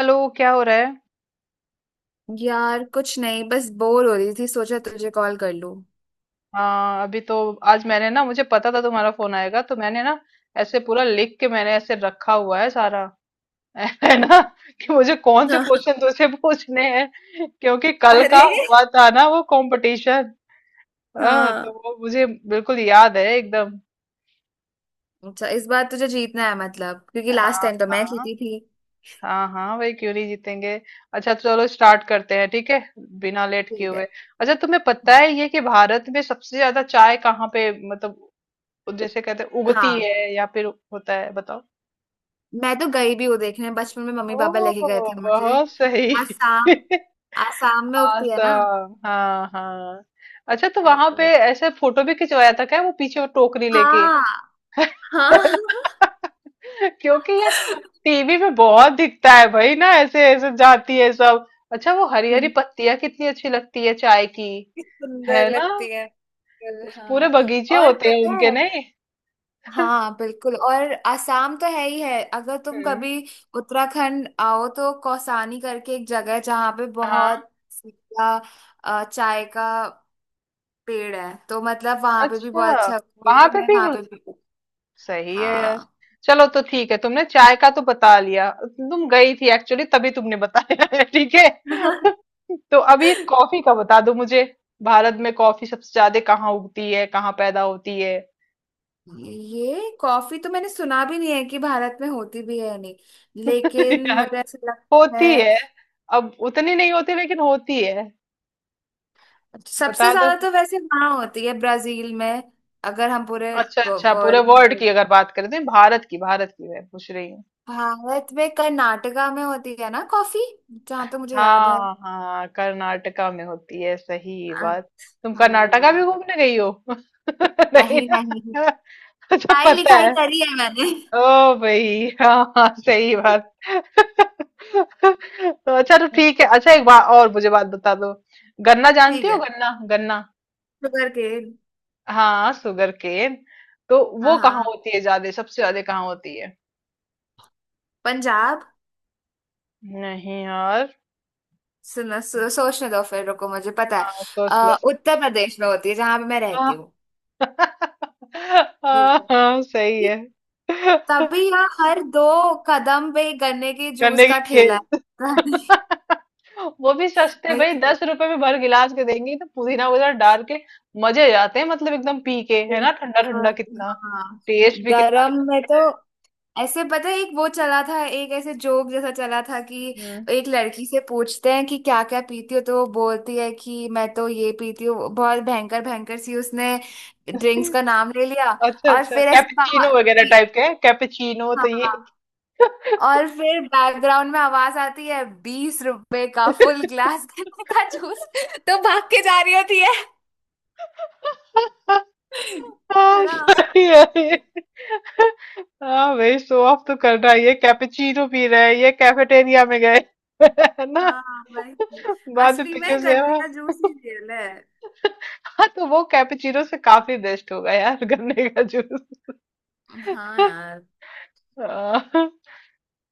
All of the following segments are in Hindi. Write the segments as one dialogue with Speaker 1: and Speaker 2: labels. Speaker 1: हेलो, क्या हो रहा है?
Speaker 2: यार कुछ नहीं, बस बोर हो रही थी, सोचा तुझे कॉल कर लूं।
Speaker 1: हाँ, अभी तो आज मैंने ना, मुझे पता था तुम्हारा फोन आएगा तो मैंने ना ऐसे पूरा लिख के मैंने ऐसे रखा हुआ है सारा। है ना कि मुझे कौन से
Speaker 2: हाँ।
Speaker 1: क्वेश्चन तुझसे पूछने हैं, क्योंकि कल का
Speaker 2: अरे।
Speaker 1: हुआ था ना वो कंपटीशन। हाँ, तो
Speaker 2: हाँ।
Speaker 1: वो मुझे बिल्कुल याद है एकदम।
Speaker 2: अच्छा, इस बार तुझे जीतना है मतलब, क्योंकि लास्ट
Speaker 1: हाँ
Speaker 2: टाइम तो मैं
Speaker 1: हाँ।
Speaker 2: जीती थी।
Speaker 1: हाँ हाँ भाई, क्यों नहीं जीतेंगे? अच्छा, चलो स्टार्ट करते हैं, ठीक है? बिना लेट किए
Speaker 2: ठीक
Speaker 1: हुए।
Speaker 2: है।
Speaker 1: अच्छा, तुम्हें पता
Speaker 2: हाँ
Speaker 1: है ये कि भारत में सबसे ज्यादा चाय कहाँ पे, मतलब वो जैसे कहते हैं उगती
Speaker 2: हाँ।
Speaker 1: है, या फिर होता है? बताओ।
Speaker 2: मैं तो गई भी हूँ देखने, बचपन में मम्मी
Speaker 1: ओ,
Speaker 2: पापा लेके गए थे मुझे।
Speaker 1: बहुत सही।
Speaker 2: आसाम। आसाम में उगती है ना।
Speaker 1: आसम, हाँ हाँ। अच्छा, तो वहां पे
Speaker 2: बिल्कुल।
Speaker 1: ऐसे फोटो भी खिंचवाया था क्या, वो पीछे वो टोकरी लेके?
Speaker 2: हाँ। हाँ।
Speaker 1: क्योंकि ये टीवी में बहुत दिखता है भाई ना, ऐसे ऐसे जाती है सब। अच्छा, वो हरी हरी
Speaker 2: हम्म,
Speaker 1: पत्तियां कितनी अच्छी लगती है चाय की।
Speaker 2: कितनी सुंदर
Speaker 1: है ना?
Speaker 2: लगती है बिल्कुल,
Speaker 1: उस पूरे
Speaker 2: हाँ।
Speaker 1: बगीचे
Speaker 2: और
Speaker 1: होते हैं
Speaker 2: पता
Speaker 1: उनके,
Speaker 2: है।
Speaker 1: नहीं?
Speaker 2: हाँ बिल्कुल, और आसाम तो है ही है, अगर तुम
Speaker 1: हम्म,
Speaker 2: कभी उत्तराखंड आओ तो कौसानी करके एक जगह है जहाँ पे
Speaker 1: हाँ।
Speaker 2: बहुत सीधा चाय का पेड़ है, तो मतलब वहां पे भी
Speaker 1: अच्छा,
Speaker 2: बहुत अच्छा होती है
Speaker 1: वहां
Speaker 2: और
Speaker 1: पे
Speaker 2: मैं
Speaker 1: भी?
Speaker 2: वहां पे भी।
Speaker 1: सही है यार।
Speaker 2: हाँ।
Speaker 1: चलो तो ठीक है, तुमने चाय का तो बता लिया, तुम गई थी एक्चुअली तभी तुमने बताया। है ठीक है। तो अभी कॉफी का बता दो मुझे। भारत में कॉफी सबसे ज्यादा कहाँ उगती है, कहाँ पैदा होती है?
Speaker 2: ये कॉफी तो मैंने सुना भी नहीं है कि भारत में होती भी है नहीं, लेकिन
Speaker 1: यार,
Speaker 2: मुझे ऐसा लगता
Speaker 1: होती
Speaker 2: है
Speaker 1: है। अब उतनी नहीं होती, लेकिन होती है।
Speaker 2: सबसे
Speaker 1: बता दो।
Speaker 2: ज्यादा तो वैसे वहां होती है, ब्राजील में। अगर हम पूरे
Speaker 1: अच्छा अच्छा, पूरे
Speaker 2: वर्ल्ड
Speaker 1: वर्ल्ड
Speaker 2: में।
Speaker 1: की अगर बात करें तो? भारत की, भारत की मैं पूछ रही हूँ।
Speaker 2: भारत में कर्नाटका में होती है ना कॉफी, जहाँ तो मुझे याद है।
Speaker 1: हाँ हाँ, कर्नाटका में होती है, सही बात। तुम
Speaker 2: अच्छा।
Speaker 1: कर्नाटका भी घूमने गई हो? नहीं
Speaker 2: नहीं नहीं,
Speaker 1: ना? अच्छा,
Speaker 2: पढ़ाई
Speaker 1: पता
Speaker 2: लिखाई
Speaker 1: है?
Speaker 2: करी है मैंने।
Speaker 1: ओ भाई, हाँ हाँ, सही बात। तो अच्छा, तो ठीक है।
Speaker 2: अच्छा।
Speaker 1: अच्छा, एक बात और मुझे बात बता दो। गन्ना, जानती
Speaker 2: ठीक
Speaker 1: हो?
Speaker 2: है।
Speaker 1: गन्ना गन्ना?
Speaker 2: Sugar cane.
Speaker 1: हाँ, शुगर केन। तो
Speaker 2: हाँ
Speaker 1: वो कहाँ
Speaker 2: हाँ।
Speaker 1: होती है ज्यादा, सबसे ज्यादा कहाँ होती है?
Speaker 2: पंजाब।
Speaker 1: नहीं यार।
Speaker 2: सुनो सोचने दो फिर, रुको मुझे पता है।
Speaker 1: हाँ, सोच लो, सोच
Speaker 2: उत्तर प्रदेश में होती है, जहां पे मैं
Speaker 1: लो।
Speaker 2: रहती हूँ।
Speaker 1: हाँ
Speaker 2: बिल्कुल।
Speaker 1: हाँ, सही
Speaker 2: ठीक,
Speaker 1: है।
Speaker 2: तभी यहाँ हर दो कदम पे गन्ने के जूस
Speaker 1: गन्ने
Speaker 2: का
Speaker 1: की
Speaker 2: ठेला
Speaker 1: खेत।
Speaker 2: है।
Speaker 1: वो भी सस्ते
Speaker 2: नहीं।
Speaker 1: भाई, 10 रुपए में भर गिलास के देंगे, तो पुदीना वगैरह डाल के मजे आ जाते हैं मतलब एकदम पी के, है ना? ठंडा ठंडा
Speaker 2: बिल्कुल।
Speaker 1: कितना,
Speaker 2: हाँ।
Speaker 1: टेस्ट भी कितना
Speaker 2: गर्म
Speaker 1: अच्छा
Speaker 2: में तो
Speaker 1: लगता
Speaker 2: ऐसे पता है, एक वो चला था, एक ऐसे जोक जैसा चला था कि
Speaker 1: है। हम्म।
Speaker 2: एक लड़की से पूछते हैं कि क्या क्या पीती हो, तो वो बोलती है कि मैं तो ये पीती हूँ, बहुत भयंकर भयंकर सी, उसने ड्रिंक्स का नाम ले लिया,
Speaker 1: अच्छा
Speaker 2: और
Speaker 1: अच्छा,
Speaker 2: फिर ऐसे
Speaker 1: कैपेचिनो
Speaker 2: बाहर
Speaker 1: वगैरह टाइप के? कैपेचिनो तो ये।
Speaker 2: हाँ, और फिर बैकग्राउंड में आवाज आती है, 20 रुपए का फुल ग्लास गन्ने का जूस, तो भाग के जा रही होती है। है
Speaker 1: हाँ,
Speaker 2: ना।
Speaker 1: सही है ये। हाँ भाई, शो ऑफ तो कर रहा है, ये कैपेचिनो पी रहा है, ये कैफेटेरिया में गए। है ना?
Speaker 2: हाँ वही।
Speaker 1: बाद में
Speaker 2: असली में
Speaker 1: पीछे से
Speaker 2: गन्ने
Speaker 1: हाँ।
Speaker 2: का जूस ही रियल है।
Speaker 1: हाँ, तो वो कैपेचिनो से काफी बेस्ट होगा यार, गन्ने का जूस।
Speaker 2: हाँ यार।
Speaker 1: हाँ।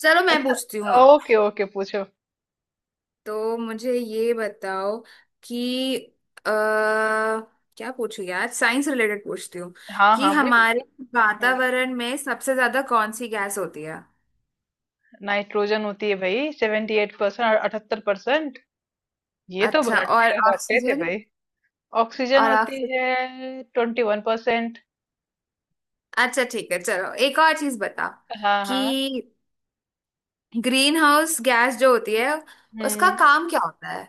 Speaker 2: चलो मैं पूछती हूँ
Speaker 1: अच्छा,
Speaker 2: अब।
Speaker 1: ओके ओके, पूछो।
Speaker 2: तो मुझे ये बताओ कि अ क्या पूछू यार, साइंस रिलेटेड पूछती हूँ
Speaker 1: हाँ
Speaker 2: कि
Speaker 1: हाँ भाई,
Speaker 2: हमारे
Speaker 1: पूछो। हम्म,
Speaker 2: वातावरण में सबसे ज्यादा कौन सी गैस होती है?
Speaker 1: नाइट्रोजन होती है भाई, 78%। और 78%। ये तो
Speaker 2: अच्छा। और
Speaker 1: रट्टे रट्टे थे
Speaker 2: ऑक्सीजन।
Speaker 1: भाई। ऑक्सीजन
Speaker 2: और
Speaker 1: होती
Speaker 2: ऑक्सीजन।
Speaker 1: है, 21%।
Speaker 2: अच्छा ठीक है, चलो एक और चीज बता,
Speaker 1: हाँ
Speaker 2: कि
Speaker 1: हाँ।
Speaker 2: ग्रीन हाउस गैस जो होती है उसका
Speaker 1: हम्म
Speaker 2: काम क्या होता है?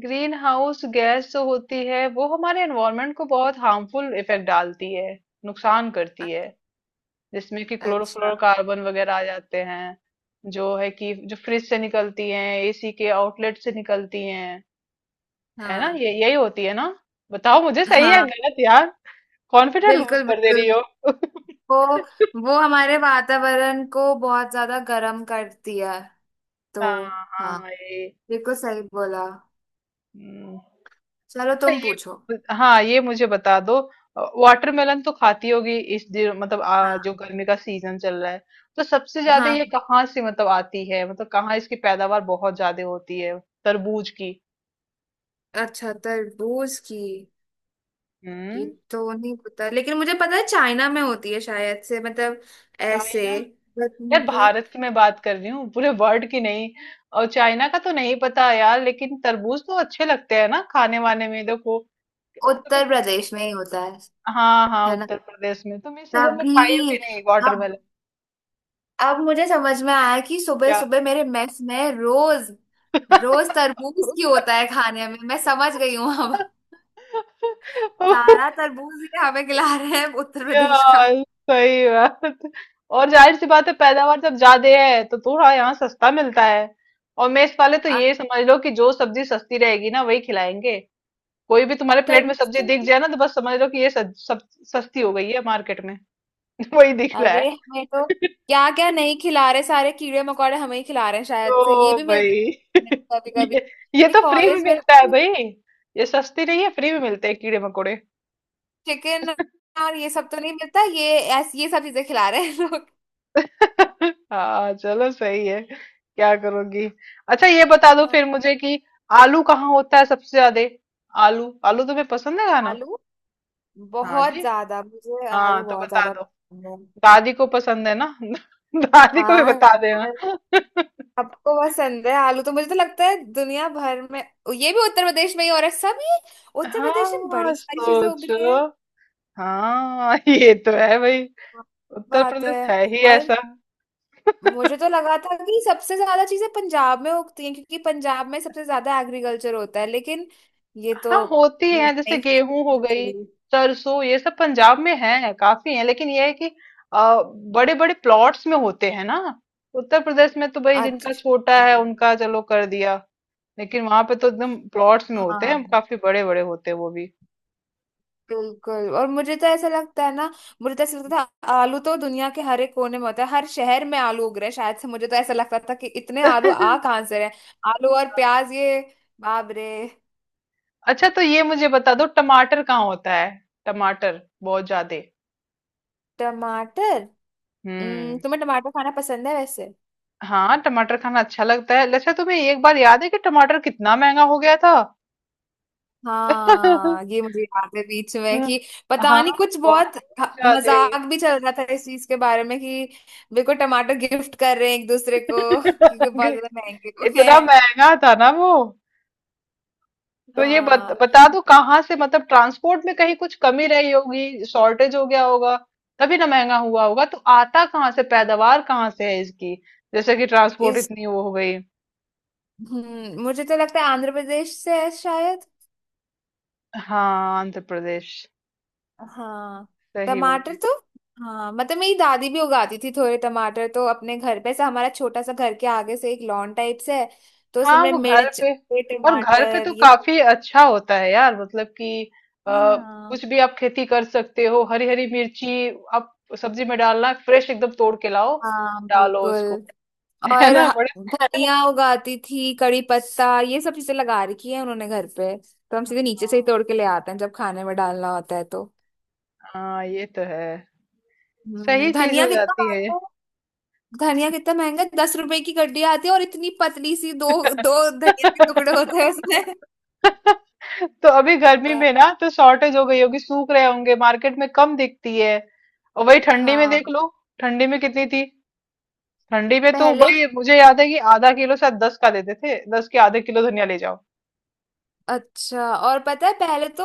Speaker 1: ग्रीन हाउस गैस जो होती है वो हमारे एनवायरनमेंट को बहुत हार्मफुल इफेक्ट डालती है, नुकसान करती है। जिसमें कि
Speaker 2: अच्छा।
Speaker 1: क्लोरोफ्लोरोकार्बन वगैरह आ जाते हैं, जो है कि जो फ्रिज से निकलती हैं, एसी के आउटलेट से निकलती हैं। है ना,
Speaker 2: हाँ
Speaker 1: ये यही होती है ना? बताओ मुझे, सही है
Speaker 2: हाँ।
Speaker 1: गलत यार? कॉन्फिडेंट लूज
Speaker 2: बिल्कुल
Speaker 1: कर दे
Speaker 2: बिल्कुल,
Speaker 1: रही हो।
Speaker 2: वो वो हमारे वातावरण को बहुत ज्यादा गर्म करती है, तो।
Speaker 1: हाँ
Speaker 2: हाँ।
Speaker 1: हाँ, ये।
Speaker 2: बिल्कुल सही बोला।
Speaker 1: हम्म,
Speaker 2: चलो
Speaker 1: अच्छा
Speaker 2: तुम
Speaker 1: ये,
Speaker 2: पूछो।
Speaker 1: हाँ, ये मुझे बता दो। वाटरमेलन तो खाती होगी इस दिन, मतलब जो
Speaker 2: हाँ
Speaker 1: गर्मी का सीजन चल रहा है, तो सबसे ज्यादा
Speaker 2: हाँ।
Speaker 1: ये कहाँ से, मतलब आती है, मतलब कहाँ इसकी पैदावार बहुत ज्यादा होती है, तरबूज की?
Speaker 2: अच्छा तरबूज की ये
Speaker 1: हम्म
Speaker 2: तो नहीं पता, लेकिन मुझे पता है चाइना में होती है शायद से, मतलब ऐसे,
Speaker 1: चाइना?
Speaker 2: बट
Speaker 1: यार,
Speaker 2: मुझे।
Speaker 1: भारत की मैं बात कर रही हूँ, पूरे वर्ल्ड की नहीं। और चाइना का तो नहीं पता यार, लेकिन तरबूज तो अच्छे लगते हैं ना खाने वाने में, देखो तुम्हें-
Speaker 2: उत्तर प्रदेश में ही होता है।
Speaker 1: हाँ हाँ,
Speaker 2: है ना।
Speaker 1: उत्तर प्रदेश में तुम इस सीजन में खाई हो
Speaker 2: तभी।
Speaker 1: कि नहीं,
Speaker 2: अब
Speaker 1: वाटरमेलन?
Speaker 2: अब मुझे समझ में आया कि सुबह
Speaker 1: क्या?
Speaker 2: सुबह मेरे मेस में रोज रोज तरबूज की होता है खाने में, मैं समझ गई हूँ अब। सारा तरबूज ये हमें खिला रहे हैं उत्तर प्रदेश का।
Speaker 1: यार सही बात। और जाहिर सी बात है पैदावार जब ज्यादा है तो थोड़ा यहाँ सस्ता मिलता है। और मेस वाले तो
Speaker 2: अब
Speaker 1: ये समझ लो कि जो सब्जी सस्ती रहेगी ना वही खिलाएंगे। कोई भी तुम्हारे प्लेट में
Speaker 2: तरबूज
Speaker 1: सब्जी दिख
Speaker 2: से-
Speaker 1: जाए ना तो बस समझ लो कि ये सब सस्ती हो गई है मार्केट में। वही दिख रहा
Speaker 2: अरे
Speaker 1: है।
Speaker 2: हमें तो क्या क्या नहीं खिला रहे, सारे कीड़े मकोड़े हमें ही खिला रहे हैं शायद, तो ये
Speaker 1: ओ
Speaker 2: भी
Speaker 1: भाई।
Speaker 2: मिलता है कभी कभी,
Speaker 1: ये ये
Speaker 2: ये
Speaker 1: तो फ्री में
Speaker 2: कॉलेज में,
Speaker 1: मिलता है भाई। ये सस्ती नहीं है, फ्री में मिलते हैं कीड़े मकोड़े।
Speaker 2: चिकन और ये सब तो नहीं मिलता, ये ऐस ये सब चीजें खिला रहे हैं लोग।
Speaker 1: हाँ, चलो सही है, क्या करोगी? अच्छा, ये बता दो
Speaker 2: हाँ,
Speaker 1: फिर मुझे कि आलू कहाँ होता है सबसे ज्यादा? आलू, आलू तुम्हें पसंद है खाना?
Speaker 2: आलू
Speaker 1: हाँ
Speaker 2: बहुत
Speaker 1: जी।
Speaker 2: ज्यादा, मुझे आलू
Speaker 1: हाँ तो
Speaker 2: बहुत
Speaker 1: बता
Speaker 2: ज्यादा
Speaker 1: दो।
Speaker 2: पसंद है।
Speaker 1: दादी को पसंद है ना? दादी को भी
Speaker 2: हाँ
Speaker 1: बता
Speaker 2: यार,
Speaker 1: देना।
Speaker 2: आपको पसंद है आलू, तो मुझे तो लगता है दुनिया भर में ये भी उत्तर प्रदेश में ही हो रहा है सब, ये उत्तर प्रदेश में
Speaker 1: हाँ,
Speaker 2: बड़ी सारी चीजें उग रही है।
Speaker 1: सोचो। हाँ। ये तो है भाई, उत्तर
Speaker 2: बात है।
Speaker 1: प्रदेश है ही
Speaker 2: और
Speaker 1: ऐसा।
Speaker 2: मुझे तो लगा था कि सबसे ज्यादा चीजें पंजाब में उगती हैं क्योंकि पंजाब में सबसे ज्यादा एग्रीकल्चर होता है, लेकिन ये तो
Speaker 1: हाँ होती
Speaker 2: नहीं,
Speaker 1: है, जैसे गेहूं हो गई,
Speaker 2: नहीं,
Speaker 1: सरसों, ये सब पंजाब में है, काफी है। लेकिन ये है कि बड़े बड़े प्लॉट्स में होते हैं ना। उत्तर प्रदेश में तो भाई जिनका
Speaker 2: अच्छा।
Speaker 1: छोटा है उनका चलो कर दिया, लेकिन वहां पे तो एकदम प्लॉट्स में होते
Speaker 2: हाँ
Speaker 1: हैं, काफी बड़े बड़े होते हैं वो भी।
Speaker 2: बिल्कुल, और मुझे तो ऐसा लगता है ना, मुझे तो ऐसा लगता था आलू तो दुनिया के हर एक कोने में होता है, हर शहर में आलू उग रहे हैं शायद से, मुझे तो ऐसा लगता था कि इतने आलू आ कहाँ से रहे हैं? आलू और प्याज ये, बाप रे।
Speaker 1: अच्छा, तो ये मुझे बता दो, टमाटर कहाँ होता है, टमाटर बहुत ज्यादा?
Speaker 2: टमाटर।
Speaker 1: हम्म।
Speaker 2: तुम्हें टमाटर खाना पसंद है वैसे?
Speaker 1: हाँ, टमाटर खाना अच्छा लगता है। अच्छा, तुम्हें एक बार याद है कि टमाटर कितना महंगा हो गया था?
Speaker 2: हाँ ये मुझे याद है, बीच में
Speaker 1: हाँ,
Speaker 2: कि पता
Speaker 1: हाँ,
Speaker 2: नहीं कुछ
Speaker 1: बहुत
Speaker 2: बहुत
Speaker 1: ज्यादे।
Speaker 2: मजाक भी चल रहा था इस चीज के बारे में कि बिल्कुल टमाटर गिफ्ट कर रहे हैं एक दूसरे को, क्योंकि बहुत ज्यादा महंगे हो गए
Speaker 1: इतना
Speaker 2: हैं।
Speaker 1: महंगा था ना वो। तो ये
Speaker 2: हाँ।
Speaker 1: बता दो कहाँ से, मतलब ट्रांसपोर्ट में कहीं कुछ कमी रही होगी, शॉर्टेज हो गया होगा, तभी ना महंगा हुआ होगा। तो आता कहाँ से, पैदावार कहाँ से है इसकी? जैसे कि ट्रांसपोर्ट इतनी वो हो गई।
Speaker 2: हम्म, मुझे तो लगता है आंध्र प्रदेश से है शायद।
Speaker 1: हाँ, आंध्र प्रदेश।
Speaker 2: हाँ।
Speaker 1: सही
Speaker 2: टमाटर
Speaker 1: बोली।
Speaker 2: तो, हाँ मतलब मेरी दादी भी उगाती थी थोड़े टमाटर, तो अपने घर पे से, हमारा छोटा सा घर के आगे से एक लॉन टाइप से है, तो उसमें
Speaker 1: हाँ,
Speaker 2: हमने
Speaker 1: वो घर
Speaker 2: मिर्च
Speaker 1: पे।
Speaker 2: ये
Speaker 1: और घर पे तो
Speaker 2: टमाटर ये सब।
Speaker 1: काफी अच्छा होता है यार, मतलब कि आ,
Speaker 2: हाँ।
Speaker 1: कुछ भी आप खेती कर सकते हो, हरी हरी मिर्ची। आप सब्जी में डालना है, फ्रेश एकदम तोड़ के लाओ,
Speaker 2: हाँ
Speaker 1: डालो उसको।
Speaker 2: बिल्कुल,
Speaker 1: है
Speaker 2: और
Speaker 1: ना बड़े?
Speaker 2: धनिया उगाती थी, कड़ी पत्ता, ये सब चीजें लगा रखी है उन्होंने घर पे, तो हम सीधे नीचे से ही तोड़ के ले आते हैं जब खाने में डालना होता है तो।
Speaker 1: हाँ, ये तो है, सही चीज हो
Speaker 2: धनिया कितना,
Speaker 1: जाती है।
Speaker 2: धनिया कितना महंगा है? 10 रुपए की गड्डी आती है और इतनी पतली सी दो दो धनिया के टुकड़े होते हैं उसमें।
Speaker 1: तो अभी गर्मी
Speaker 2: ब-
Speaker 1: में ना तो शॉर्टेज हो गई होगी, सूख रहे होंगे, मार्केट में कम दिखती है। और वही ठंडी में
Speaker 2: हाँ।
Speaker 1: देख लो, ठंडी में कितनी थी। ठंडी में तो
Speaker 2: पहले।
Speaker 1: भाई मुझे याद है कि आधा किलो शायद 10 का देते थे, 10 के आधे किलो धनिया ले जाओ।
Speaker 2: अच्छा, और पता है, पहले तो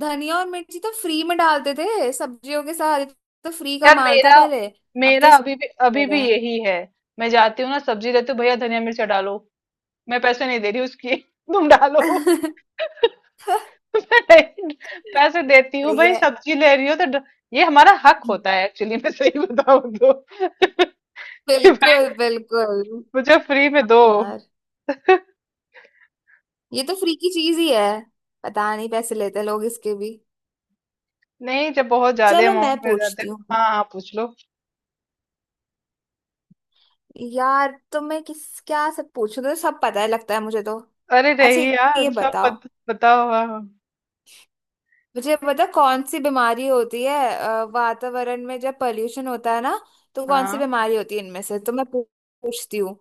Speaker 2: धनिया और मिर्ची तो फ्री में डालते थे सब्जियों के साथ, ये तो फ्री का
Speaker 1: यार
Speaker 2: माल था
Speaker 1: मेरा
Speaker 2: पहले, अब तो
Speaker 1: मेरा अभी भी,
Speaker 2: इसका
Speaker 1: अभी
Speaker 2: हो
Speaker 1: भी
Speaker 2: रहा है।
Speaker 1: यही है। मैं जाती हूँ ना सब्जी लेती हूँ, भैया धनिया मिर्चा डालो। मैं पैसे नहीं दे रही उसकी। तुम डालो। मैं पैसे देती हूँ
Speaker 2: सही
Speaker 1: भाई,
Speaker 2: है।
Speaker 1: सब्जी ले रही हो तो ये हमारा हक होता है एक्चुअली, मैं सही बताऊँ तो। कि भाई
Speaker 2: बिल्कुल बिल्कुल।
Speaker 1: मुझे फ्री में दो।
Speaker 2: यार ये तो फ्री की चीज ही है, पता नहीं पैसे लेते लोग इसके भी।
Speaker 1: नहीं, जब बहुत ज्यादा
Speaker 2: चलो मैं
Speaker 1: अमाउंट में जाते।
Speaker 2: पूछती हूँ।
Speaker 1: हाँ हाँ, पूछ लो।
Speaker 2: यार तो मैं किस क्या सब पूछूं, तो सब पता है लगता है मुझे तो।
Speaker 1: अरे
Speaker 2: अच्छा
Speaker 1: नहीं यार,
Speaker 2: ये
Speaker 1: सब
Speaker 2: बताओ
Speaker 1: बताओ। हाँ
Speaker 2: मुझे, पता कौन सी बीमारी होती है वातावरण में जब पॉल्यूशन होता है ना, तो कौन सी
Speaker 1: हाँ
Speaker 2: बीमारी होती है इनमें से, तो मैं पूछती हूँ,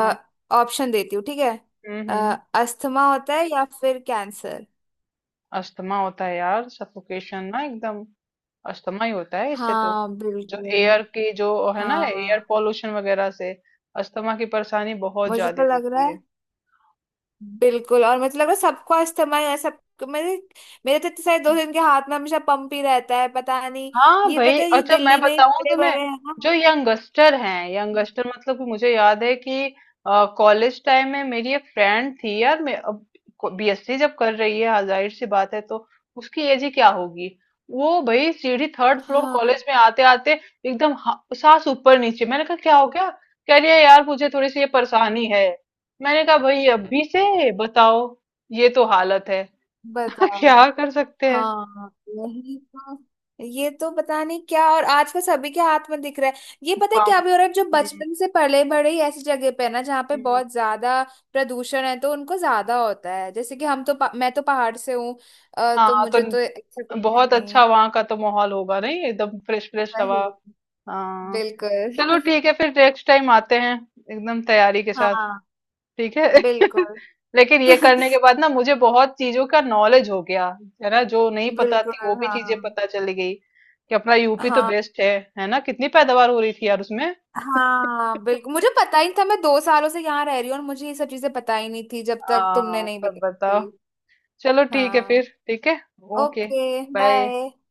Speaker 1: हाँ।
Speaker 2: ऑप्शन देती हूँ ठीक है। अ,
Speaker 1: हम्म
Speaker 2: अस्थमा होता है या फिर कैंसर?
Speaker 1: अस्थमा होता है यार, सफोकेशन ना एकदम, अस्थमा ही होता है इससे तो।
Speaker 2: हाँ
Speaker 1: जो
Speaker 2: बिल्कुल।
Speaker 1: एयर की जो, है ना,
Speaker 2: हाँ।
Speaker 1: एयर पोल्यूशन वगैरह से अस्थमा की परेशानी बहुत
Speaker 2: मुझे
Speaker 1: ज्यादा
Speaker 2: तो लग रहा
Speaker 1: होती
Speaker 2: है
Speaker 1: है।
Speaker 2: बिल्कुल, और मतलब लग रहा है सबका इस्तेमाल है सब, मेरे मेरे तो इतने सारे दोस्त हैं, इनके हाथ में हमेशा पंप ही रहता है, पता नहीं,
Speaker 1: हाँ
Speaker 2: ये
Speaker 1: भाई,
Speaker 2: पता है ये
Speaker 1: अच्छा मैं
Speaker 2: दिल्ली में ही
Speaker 1: बताऊं
Speaker 2: पड़े
Speaker 1: तुम्हें।
Speaker 2: बड़े हैं ना।
Speaker 1: जो यंगस्टर हैं, यंगस्टर मतलब, कि मुझे याद है कि कॉलेज टाइम में मेरी एक फ्रेंड थी यार, मैं अब बीएससी जब कर रही है, हाँ, जाहिर सी बात है तो उसकी एज ही क्या होगी। वो भाई सीढ़ी, थर्ड फ्लोर
Speaker 2: हाँ।
Speaker 1: कॉलेज में आते आते एकदम सांस ऊपर नीचे। मैंने कहा क्या हो गया, कह रही है यार मुझे थोड़ी सी ये परेशानी है। मैंने कहा भाई अभी से बताओ, ये तो हालत है।
Speaker 2: बताओ।
Speaker 1: क्या कर सकते हैं?
Speaker 2: हाँ यही तो, ये तो पता नहीं क्या, और आजकल सभी के हाथ में दिख रहा है, ये पता है
Speaker 1: काम।
Speaker 2: क्या भी हो रहा है, जो
Speaker 1: हम्म।
Speaker 2: बचपन से पले बड़े ही ऐसी जगह पे है ना जहाँ पे
Speaker 1: हम्म।
Speaker 2: बहुत ज्यादा प्रदूषण है, तो उनको ज्यादा होता है, जैसे कि हम तो मैं तो पहाड़ से हूँ, तो
Speaker 1: हाँ, तो
Speaker 2: मुझे तो ऐसा कुछ है
Speaker 1: बहुत
Speaker 2: नहीं।
Speaker 1: अच्छा वहां का तो माहौल होगा नहीं, एकदम फ्रेश फ्रेश हवा।
Speaker 2: वही।
Speaker 1: हाँ।
Speaker 2: बिल्कुल।
Speaker 1: चलो ठीक है फिर, नेक्स्ट टाइम आते हैं एकदम तैयारी के साथ,
Speaker 2: हाँ।
Speaker 1: ठीक है?
Speaker 2: बिल्कुल।
Speaker 1: लेकिन ये करने के बाद ना मुझे बहुत चीजों का नॉलेज हो गया, है ना? जो नहीं पता
Speaker 2: बिल्कुल।
Speaker 1: थी वो भी
Speaker 2: हाँ।
Speaker 1: चीजें पता चली गई कि अपना यूपी तो
Speaker 2: हाँ।
Speaker 1: बेस्ट है। है ना? कितनी पैदावार हो रही थी यार उसमें।
Speaker 2: हाँ बिल्कुल, मुझे पता ही नहीं था, मैं 2 सालों से यहाँ रह रही हूँ और मुझे ये सब चीजें पता ही नहीं थी जब तक तुमने
Speaker 1: हाँ,
Speaker 2: नहीं
Speaker 1: सब
Speaker 2: बताई
Speaker 1: बताओ।
Speaker 2: थी।
Speaker 1: चलो ठीक है
Speaker 2: हाँ।
Speaker 1: फिर, ठीक है। ओके।
Speaker 2: ओके।
Speaker 1: बाय।
Speaker 2: बाय।